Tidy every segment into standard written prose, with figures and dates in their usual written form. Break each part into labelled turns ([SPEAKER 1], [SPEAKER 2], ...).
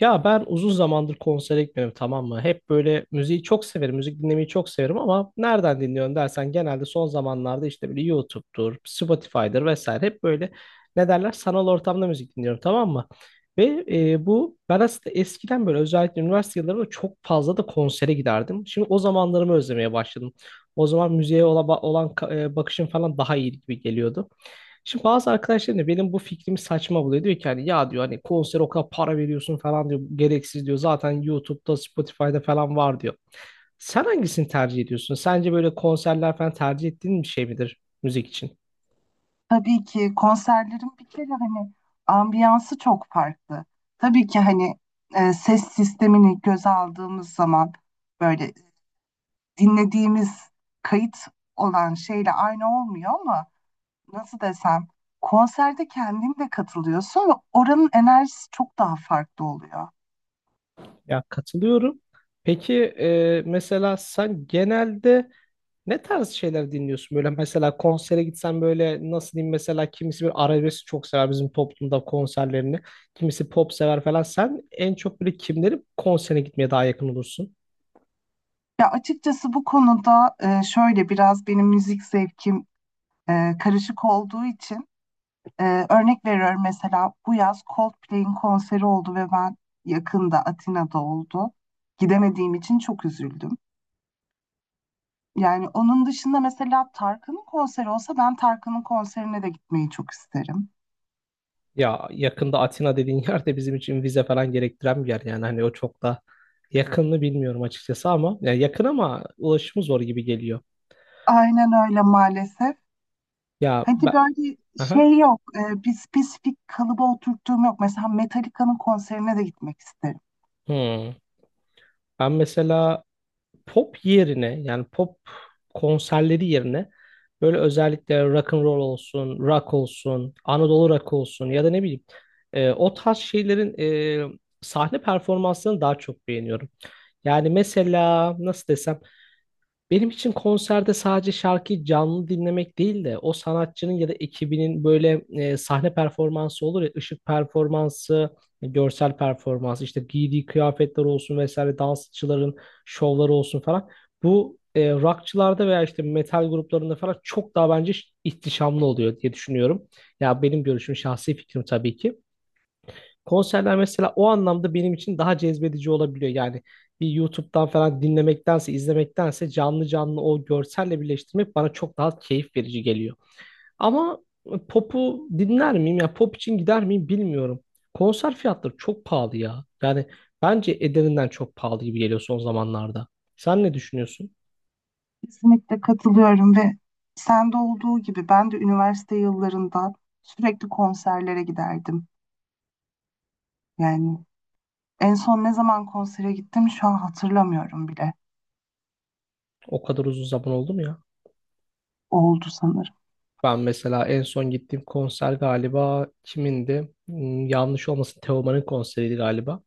[SPEAKER 1] Ya ben uzun zamandır konsere gitmiyorum, tamam mı? Hep böyle müziği çok severim, müzik dinlemeyi çok severim ama nereden dinliyorum dersen genelde son zamanlarda işte böyle YouTube'dur, Spotify'dır vesaire, hep böyle ne derler, sanal ortamda müzik dinliyorum, tamam mı? Ve bu ben aslında eskiden böyle özellikle üniversite yıllarında çok fazla da konsere giderdim. Şimdi o zamanlarımı özlemeye başladım. O zaman müziğe olan bakışım falan daha iyi gibi geliyordu. Şimdi bazı arkadaşlarım da benim bu fikrimi saçma buluyor. Diyor ki hani ya, diyor, hani konser o kadar para veriyorsun falan diyor. Gereksiz diyor. Zaten YouTube'da, Spotify'da falan var diyor. Sen hangisini tercih ediyorsun? Sence böyle konserler falan tercih ettiğin bir şey midir müzik için?
[SPEAKER 2] Tabii ki konserlerin bir kere hani ambiyansı çok farklı. Tabii ki hani ses sistemini göze aldığımız zaman böyle dinlediğimiz kayıt olan şeyle aynı olmuyor ama nasıl desem konserde kendin de katılıyorsun ve oranın enerjisi çok daha farklı oluyor.
[SPEAKER 1] Ya, katılıyorum. Peki mesela sen genelde ne tarz şeyler dinliyorsun? Böyle mesela konsere gitsen, böyle nasıl diyeyim, mesela kimisi bir arabesk çok sever bizim toplumda konserlerini. Kimisi pop sever falan. Sen en çok böyle kimlerin konserine gitmeye daha yakın olursun?
[SPEAKER 2] Ya açıkçası bu konuda şöyle biraz benim müzik zevkim karışık olduğu için örnek veriyorum mesela bu yaz Coldplay'in konseri oldu ve ben yakında Atina'da oldu. Gidemediğim için çok üzüldüm. Yani onun dışında mesela Tarkan'ın konseri olsa ben Tarkan'ın konserine de gitmeyi çok isterim.
[SPEAKER 1] Ya, yakında Atina dediğin yer de bizim için vize falan gerektiren bir yer. Yani hani o çok da yakınını bilmiyorum açıkçası ama ya yakın, ama ulaşımı zor gibi geliyor.
[SPEAKER 2] Aynen öyle, maalesef.
[SPEAKER 1] Ya
[SPEAKER 2] Hani
[SPEAKER 1] ben...
[SPEAKER 2] böyle
[SPEAKER 1] Aha.
[SPEAKER 2] şey yok, bir spesifik kalıba oturttuğum yok. Mesela Metallica'nın konserine de gitmek isterim.
[SPEAKER 1] Hmm. Ben mesela pop yerine, yani pop konserleri yerine böyle özellikle rock and roll olsun, rock olsun, Anadolu rock olsun, ya da ne bileyim, o tarz şeylerin sahne performanslarını daha çok beğeniyorum. Yani mesela nasıl desem, benim için konserde sadece şarkıyı canlı dinlemek değil de o sanatçının ya da ekibinin böyle sahne performansı olur ya, ışık performansı, görsel performansı, işte giydiği kıyafetler olsun vesaire, dansçıların şovları olsun falan. Bu rockçılarda veya işte metal gruplarında falan çok daha bence ihtişamlı oluyor diye düşünüyorum. Ya, benim görüşüm, şahsi fikrim tabii ki. Konserler mesela o anlamda benim için daha cezbedici olabiliyor. Yani bir YouTube'dan falan dinlemektense, izlemektense canlı canlı o görselle birleştirmek bana çok daha keyif verici geliyor. Ama pop'u dinler miyim, ya pop için gider miyim bilmiyorum. Konser fiyatları çok pahalı ya. Yani bence ederinden çok pahalı gibi geliyor son zamanlarda. Sen ne düşünüyorsun?
[SPEAKER 2] Kesinlikle katılıyorum ve sende olduğu gibi ben de üniversite yıllarında sürekli konserlere giderdim. Yani en son ne zaman konsere gittim şu an hatırlamıyorum bile.
[SPEAKER 1] O kadar uzun zaman oldu mu ya?
[SPEAKER 2] Oldu sanırım.
[SPEAKER 1] Ben mesela en son gittiğim konser galiba kimindi? Hmm, yanlış olmasın, Teoman'ın konseriydi galiba.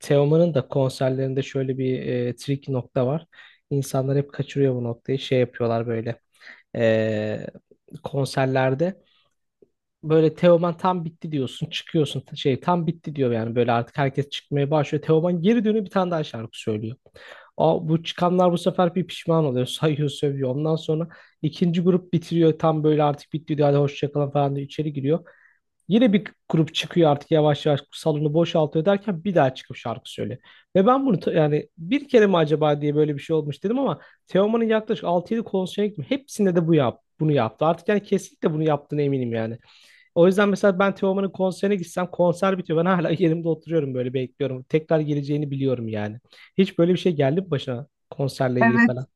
[SPEAKER 1] Teoman'ın da konserlerinde şöyle bir trik nokta var. İnsanlar hep kaçırıyor bu noktayı. Şey yapıyorlar böyle e, konserlerde. Böyle Teoman tam bitti diyorsun. Çıkıyorsun, tam bitti diyor yani. Böyle artık herkes çıkmaya başlıyor. Teoman geri dönüyor, bir tane daha şarkı söylüyor. O bu çıkanlar bu sefer bir pişman oluyor. Sayıyor, sövüyor. Ondan sonra ikinci grup bitiriyor. Tam böyle artık bitti diyor. Hadi hoşça kalın falan diye içeri giriyor. Yine bir grup çıkıyor, artık yavaş yavaş salonu boşaltıyor derken bir daha çıkıp şarkı söylüyor. Ve ben bunu yani bir kere mi acaba diye, böyle bir şey olmuş dedim ama Teoman'ın yaklaşık altı yedi konserine gittim. Hepsinde de bu yap bunu yaptı. Artık yani kesinlikle bunu yaptığına eminim yani. O yüzden mesela ben Teoman'ın konserine gitsem konser bitiyor, ben hala yerimde oturuyorum, böyle bekliyorum. Tekrar geleceğini biliyorum yani. Hiç böyle bir şey geldi mi başına konserle ilgili
[SPEAKER 2] Evet,
[SPEAKER 1] falan?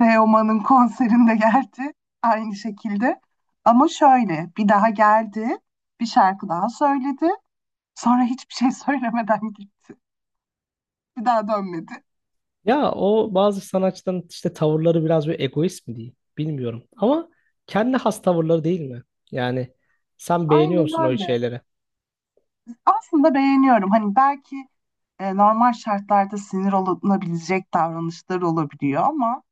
[SPEAKER 2] Teoman'ın konserinde geldi aynı şekilde. Ama şöyle bir daha geldi, bir şarkı daha söyledi. Sonra hiçbir şey söylemeden gitti. Bir daha dönmedi.
[SPEAKER 1] Ya o bazı sanatçıların işte tavırları biraz böyle egoist mi diyeyim, bilmiyorum. Ama kendi has tavırları değil mi? Yani sen beğeniyor
[SPEAKER 2] Aynen
[SPEAKER 1] musun o
[SPEAKER 2] öyle.
[SPEAKER 1] şeyleri?
[SPEAKER 2] Aslında beğeniyorum. Hani belki normal şartlarda sinir olunabilecek davranışlar olabiliyor ama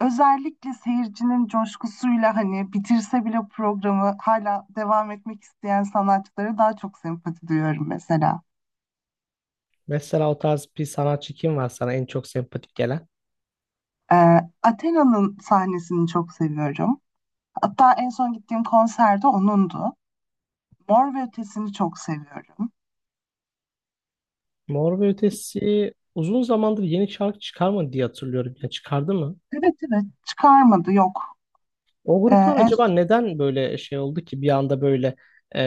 [SPEAKER 2] özellikle seyircinin coşkusuyla hani bitirse bile programı hala devam etmek isteyen sanatçılara daha çok sempati duyuyorum mesela.
[SPEAKER 1] Mesela o tarz bir sanatçı kim var sana en çok sempatik gelen?
[SPEAKER 2] Athena'nın sahnesini çok seviyorum. Hatta en son gittiğim konserde onundu. Mor ve Ötesi'ni çok seviyorum.
[SPEAKER 1] Mor ve Ötesi uzun zamandır yeni şarkı çıkarmadı diye hatırlıyorum. Ya, çıkardı mı?
[SPEAKER 2] Evet, evet, çıkarmadı, yok.
[SPEAKER 1] O
[SPEAKER 2] Ee,
[SPEAKER 1] gruplar
[SPEAKER 2] en,
[SPEAKER 1] acaba neden böyle şey oldu ki bir anda böyle, e,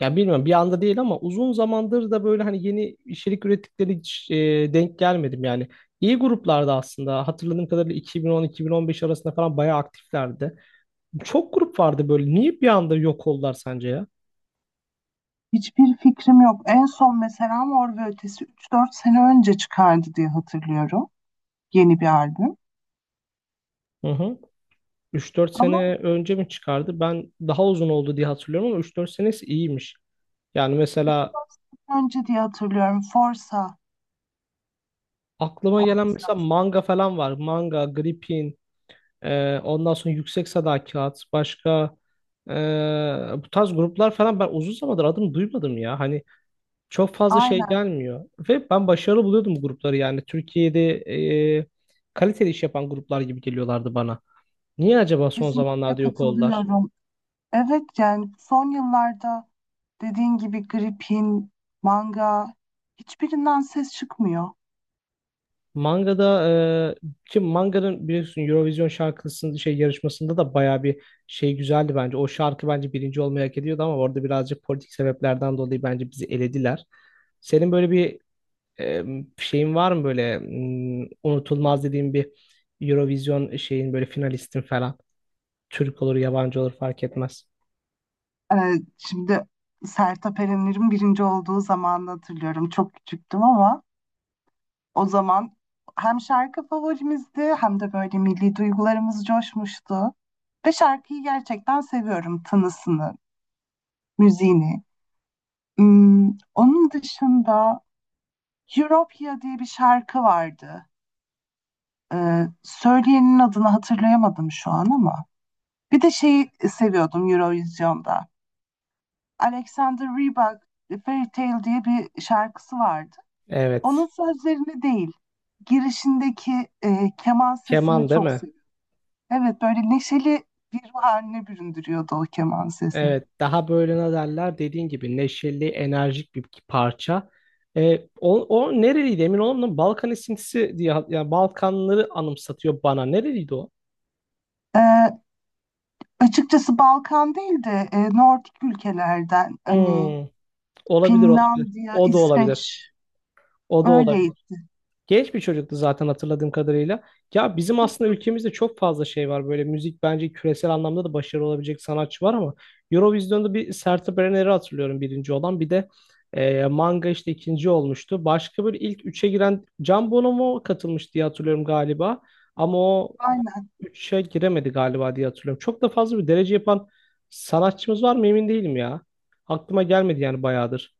[SPEAKER 1] ya bilmiyorum, bir anda değil ama uzun zamandır da böyle hani yeni içerik ürettikleri hiç, denk gelmedim yani. İyi gruplardı aslında. Hatırladığım kadarıyla 2010-2015 arasında falan bayağı aktiflerdi. Çok grup vardı böyle. Niye bir anda yok oldular sence ya?
[SPEAKER 2] hiçbir fikrim yok. En son mesela Mor ve Ötesi 3-4 sene önce çıkardı diye hatırlıyorum. Yeni bir albüm.
[SPEAKER 1] Hı hı. Üç dört
[SPEAKER 2] Ama
[SPEAKER 1] sene önce mi çıkardı? Ben daha uzun oldu diye hatırlıyorum ama 3-4 senesi iyiymiş. Yani mesela
[SPEAKER 2] 3-4 sene önce diye hatırlıyorum. Forsa
[SPEAKER 1] aklıma gelen
[SPEAKER 2] olması
[SPEAKER 1] mesela
[SPEAKER 2] lazım.
[SPEAKER 1] manga falan var. Manga, Gripin, ondan sonra Yüksek Sadakat, başka e, bu tarz gruplar falan ben uzun zamandır adını duymadım ya. Hani çok fazla şey
[SPEAKER 2] Aynen.
[SPEAKER 1] gelmiyor. Ve ben başarılı buluyordum bu grupları yani. Türkiye'de e, kaliteli iş yapan gruplar gibi geliyorlardı bana. Niye acaba son
[SPEAKER 2] Kesinlikle
[SPEAKER 1] zamanlarda yok oldular?
[SPEAKER 2] katılıyorum. Evet, yani son yıllarda dediğin gibi gripin, manga, hiçbirinden ses çıkmıyor.
[SPEAKER 1] Manga'da ki Manga'nın biliyorsun Eurovision şarkısının şey yarışmasında da bayağı bir şey güzeldi bence. O şarkı bence birinci olmayı hak ediyordu ama orada birazcık politik sebeplerden dolayı bence bizi elediler. Senin böyle bir e, şeyin var mı, böyle unutulmaz dediğin bir Eurovision şeyin, böyle finalistin falan. Türk olur, yabancı olur fark etmez.
[SPEAKER 2] Şimdi Sertab Erener'in birinci olduğu zamanı hatırlıyorum. Çok küçüktüm ama o zaman hem şarkı favorimizdi hem de böyle milli duygularımız coşmuştu. Ve şarkıyı gerçekten seviyorum. Tınısını, müziğini. Hmm, onun dışında Europia diye bir şarkı vardı. Söyleyenin adını hatırlayamadım şu an ama. Bir de şeyi seviyordum Eurovision'da. Alexander Rybak Fairy Tale diye bir şarkısı vardı. Onun
[SPEAKER 1] Evet.
[SPEAKER 2] sözlerini değil, girişindeki keman sesini
[SPEAKER 1] Keman değil
[SPEAKER 2] çok
[SPEAKER 1] mi?
[SPEAKER 2] seviyorum. Evet, böyle neşeli bir ruh haline büründürüyordu o keman sesi.
[SPEAKER 1] Evet, daha böyle ne derler, dediğin gibi neşeli, enerjik bir parça. O, nereliydi emin olamadım. Balkan esintisi diye, yani Balkanları anımsatıyor bana. Nereliydi o?
[SPEAKER 2] Ee, açıkçası Balkan değil de Nordik ülkelerden hani
[SPEAKER 1] Hmm, olabilir olabilir.
[SPEAKER 2] Finlandiya,
[SPEAKER 1] O da olabilir.
[SPEAKER 2] İsveç
[SPEAKER 1] O da olabilir.
[SPEAKER 2] öyleydi.
[SPEAKER 1] Genç bir çocuktu zaten hatırladığım kadarıyla. Ya bizim aslında ülkemizde çok fazla şey var. Böyle müzik bence küresel anlamda da başarılı olabilecek sanatçı var ama Eurovision'da bir Sertab Erener'i hatırlıyorum birinci olan. Bir de Manga işte ikinci olmuştu. Başka böyle ilk üçe giren Can Bono mu katılmış diye hatırlıyorum galiba. Ama o
[SPEAKER 2] Aynen.
[SPEAKER 1] üçe giremedi galiba diye hatırlıyorum. Çok da fazla bir derece yapan sanatçımız var mı emin değilim ya. Aklıma gelmedi yani bayağıdır.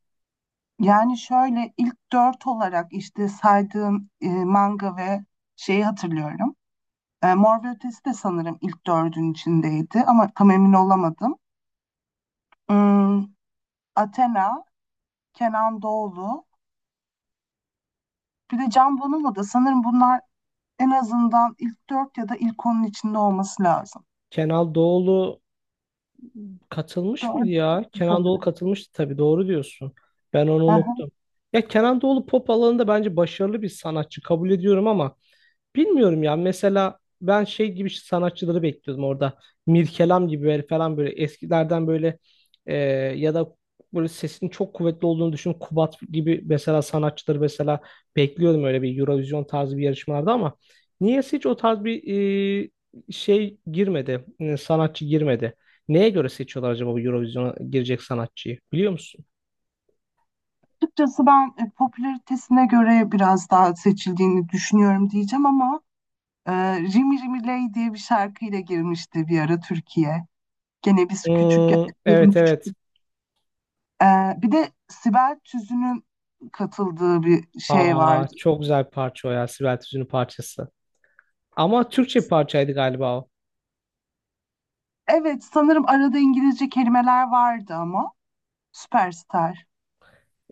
[SPEAKER 2] Yani şöyle ilk dört olarak işte saydığım manga ve şeyi hatırlıyorum. E, Mor ve Ötesi de sanırım ilk dördün içindeydi ama tam emin olamadım. Hmm, Athena, Kenan Doğulu, bir de Can Bonomo da sanırım bunlar en azından ilk dört ya da ilk onun içinde olması lazım.
[SPEAKER 1] Kenal Doğulu katılmış mıydı
[SPEAKER 2] Dördüncü
[SPEAKER 1] ya? Kenan Doğulu
[SPEAKER 2] sanırım.
[SPEAKER 1] katılmıştı, tabii, doğru diyorsun. Ben onu
[SPEAKER 2] Hı hı.
[SPEAKER 1] unuttum. Ya Kenan Doğulu pop alanında bence başarılı bir sanatçı, kabul ediyorum ama bilmiyorum ya. Mesela ben şey gibi işte sanatçıları bekliyordum orada. Mirkelam gibi böyle falan, böyle eskilerden böyle, e, ya da böyle sesinin çok kuvvetli olduğunu düşün. Kubat gibi mesela sanatçıları mesela bekliyordum öyle bir Eurovision tarzı bir yarışmalarda ama niyeyse hiç o tarz bir şey girmedi. Sanatçı girmedi. Neye göre seçiyorlar acaba bu Eurovision'a girecek sanatçıyı? Biliyor musun?
[SPEAKER 2] Açıkçası ben popülaritesine göre biraz daha seçildiğini düşünüyorum diyeceğim ama Ee, Rimi Rimi Ley diye bir şarkıyla girmişti bir ara Türkiye. Gene biz küçük
[SPEAKER 1] Hmm,
[SPEAKER 2] benim
[SPEAKER 1] evet evet.
[SPEAKER 2] küçüklük. Bir de Sibel Tüzün'ün katıldığı bir şey
[SPEAKER 1] Aa,
[SPEAKER 2] vardı.
[SPEAKER 1] çok güzel bir parça o ya. Sibel Tüzün'ün parçası. Ama Türkçe bir parçaydı galiba o.
[SPEAKER 2] Evet sanırım arada İngilizce kelimeler vardı ama Süperstar.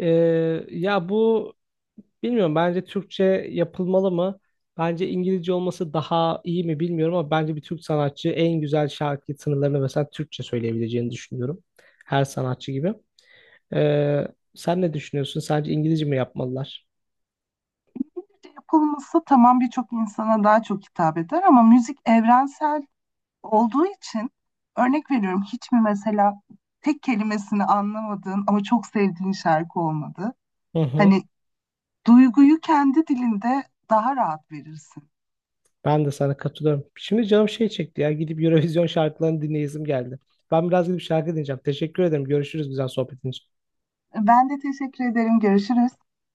[SPEAKER 1] Ee, ya bu bilmiyorum, bence Türkçe yapılmalı mı? Bence İngilizce olması daha iyi mi bilmiyorum ama bence bir Türk sanatçı en güzel şarkı sınırlarını mesela Türkçe söyleyebileceğini düşünüyorum. Her sanatçı gibi. Ee, sen ne düşünüyorsun? Sence İngilizce mi yapmalılar?
[SPEAKER 2] Yapılması tamam, birçok insana daha çok hitap eder ama müzik evrensel olduğu için örnek veriyorum, hiç mi mesela tek kelimesini anlamadığın ama çok sevdiğin şarkı olmadı?
[SPEAKER 1] Hı hı.
[SPEAKER 2] Hani duyguyu kendi dilinde daha rahat verirsin.
[SPEAKER 1] Ben de sana katılıyorum. Şimdi canım şey çekti ya. Gidip Eurovision şarkılarını dinleyesim geldi. Ben biraz gidip şarkı dinleyeceğim. Teşekkür ederim. Görüşürüz, güzel sohbetin için.
[SPEAKER 2] Ben de teşekkür ederim. Görüşürüz.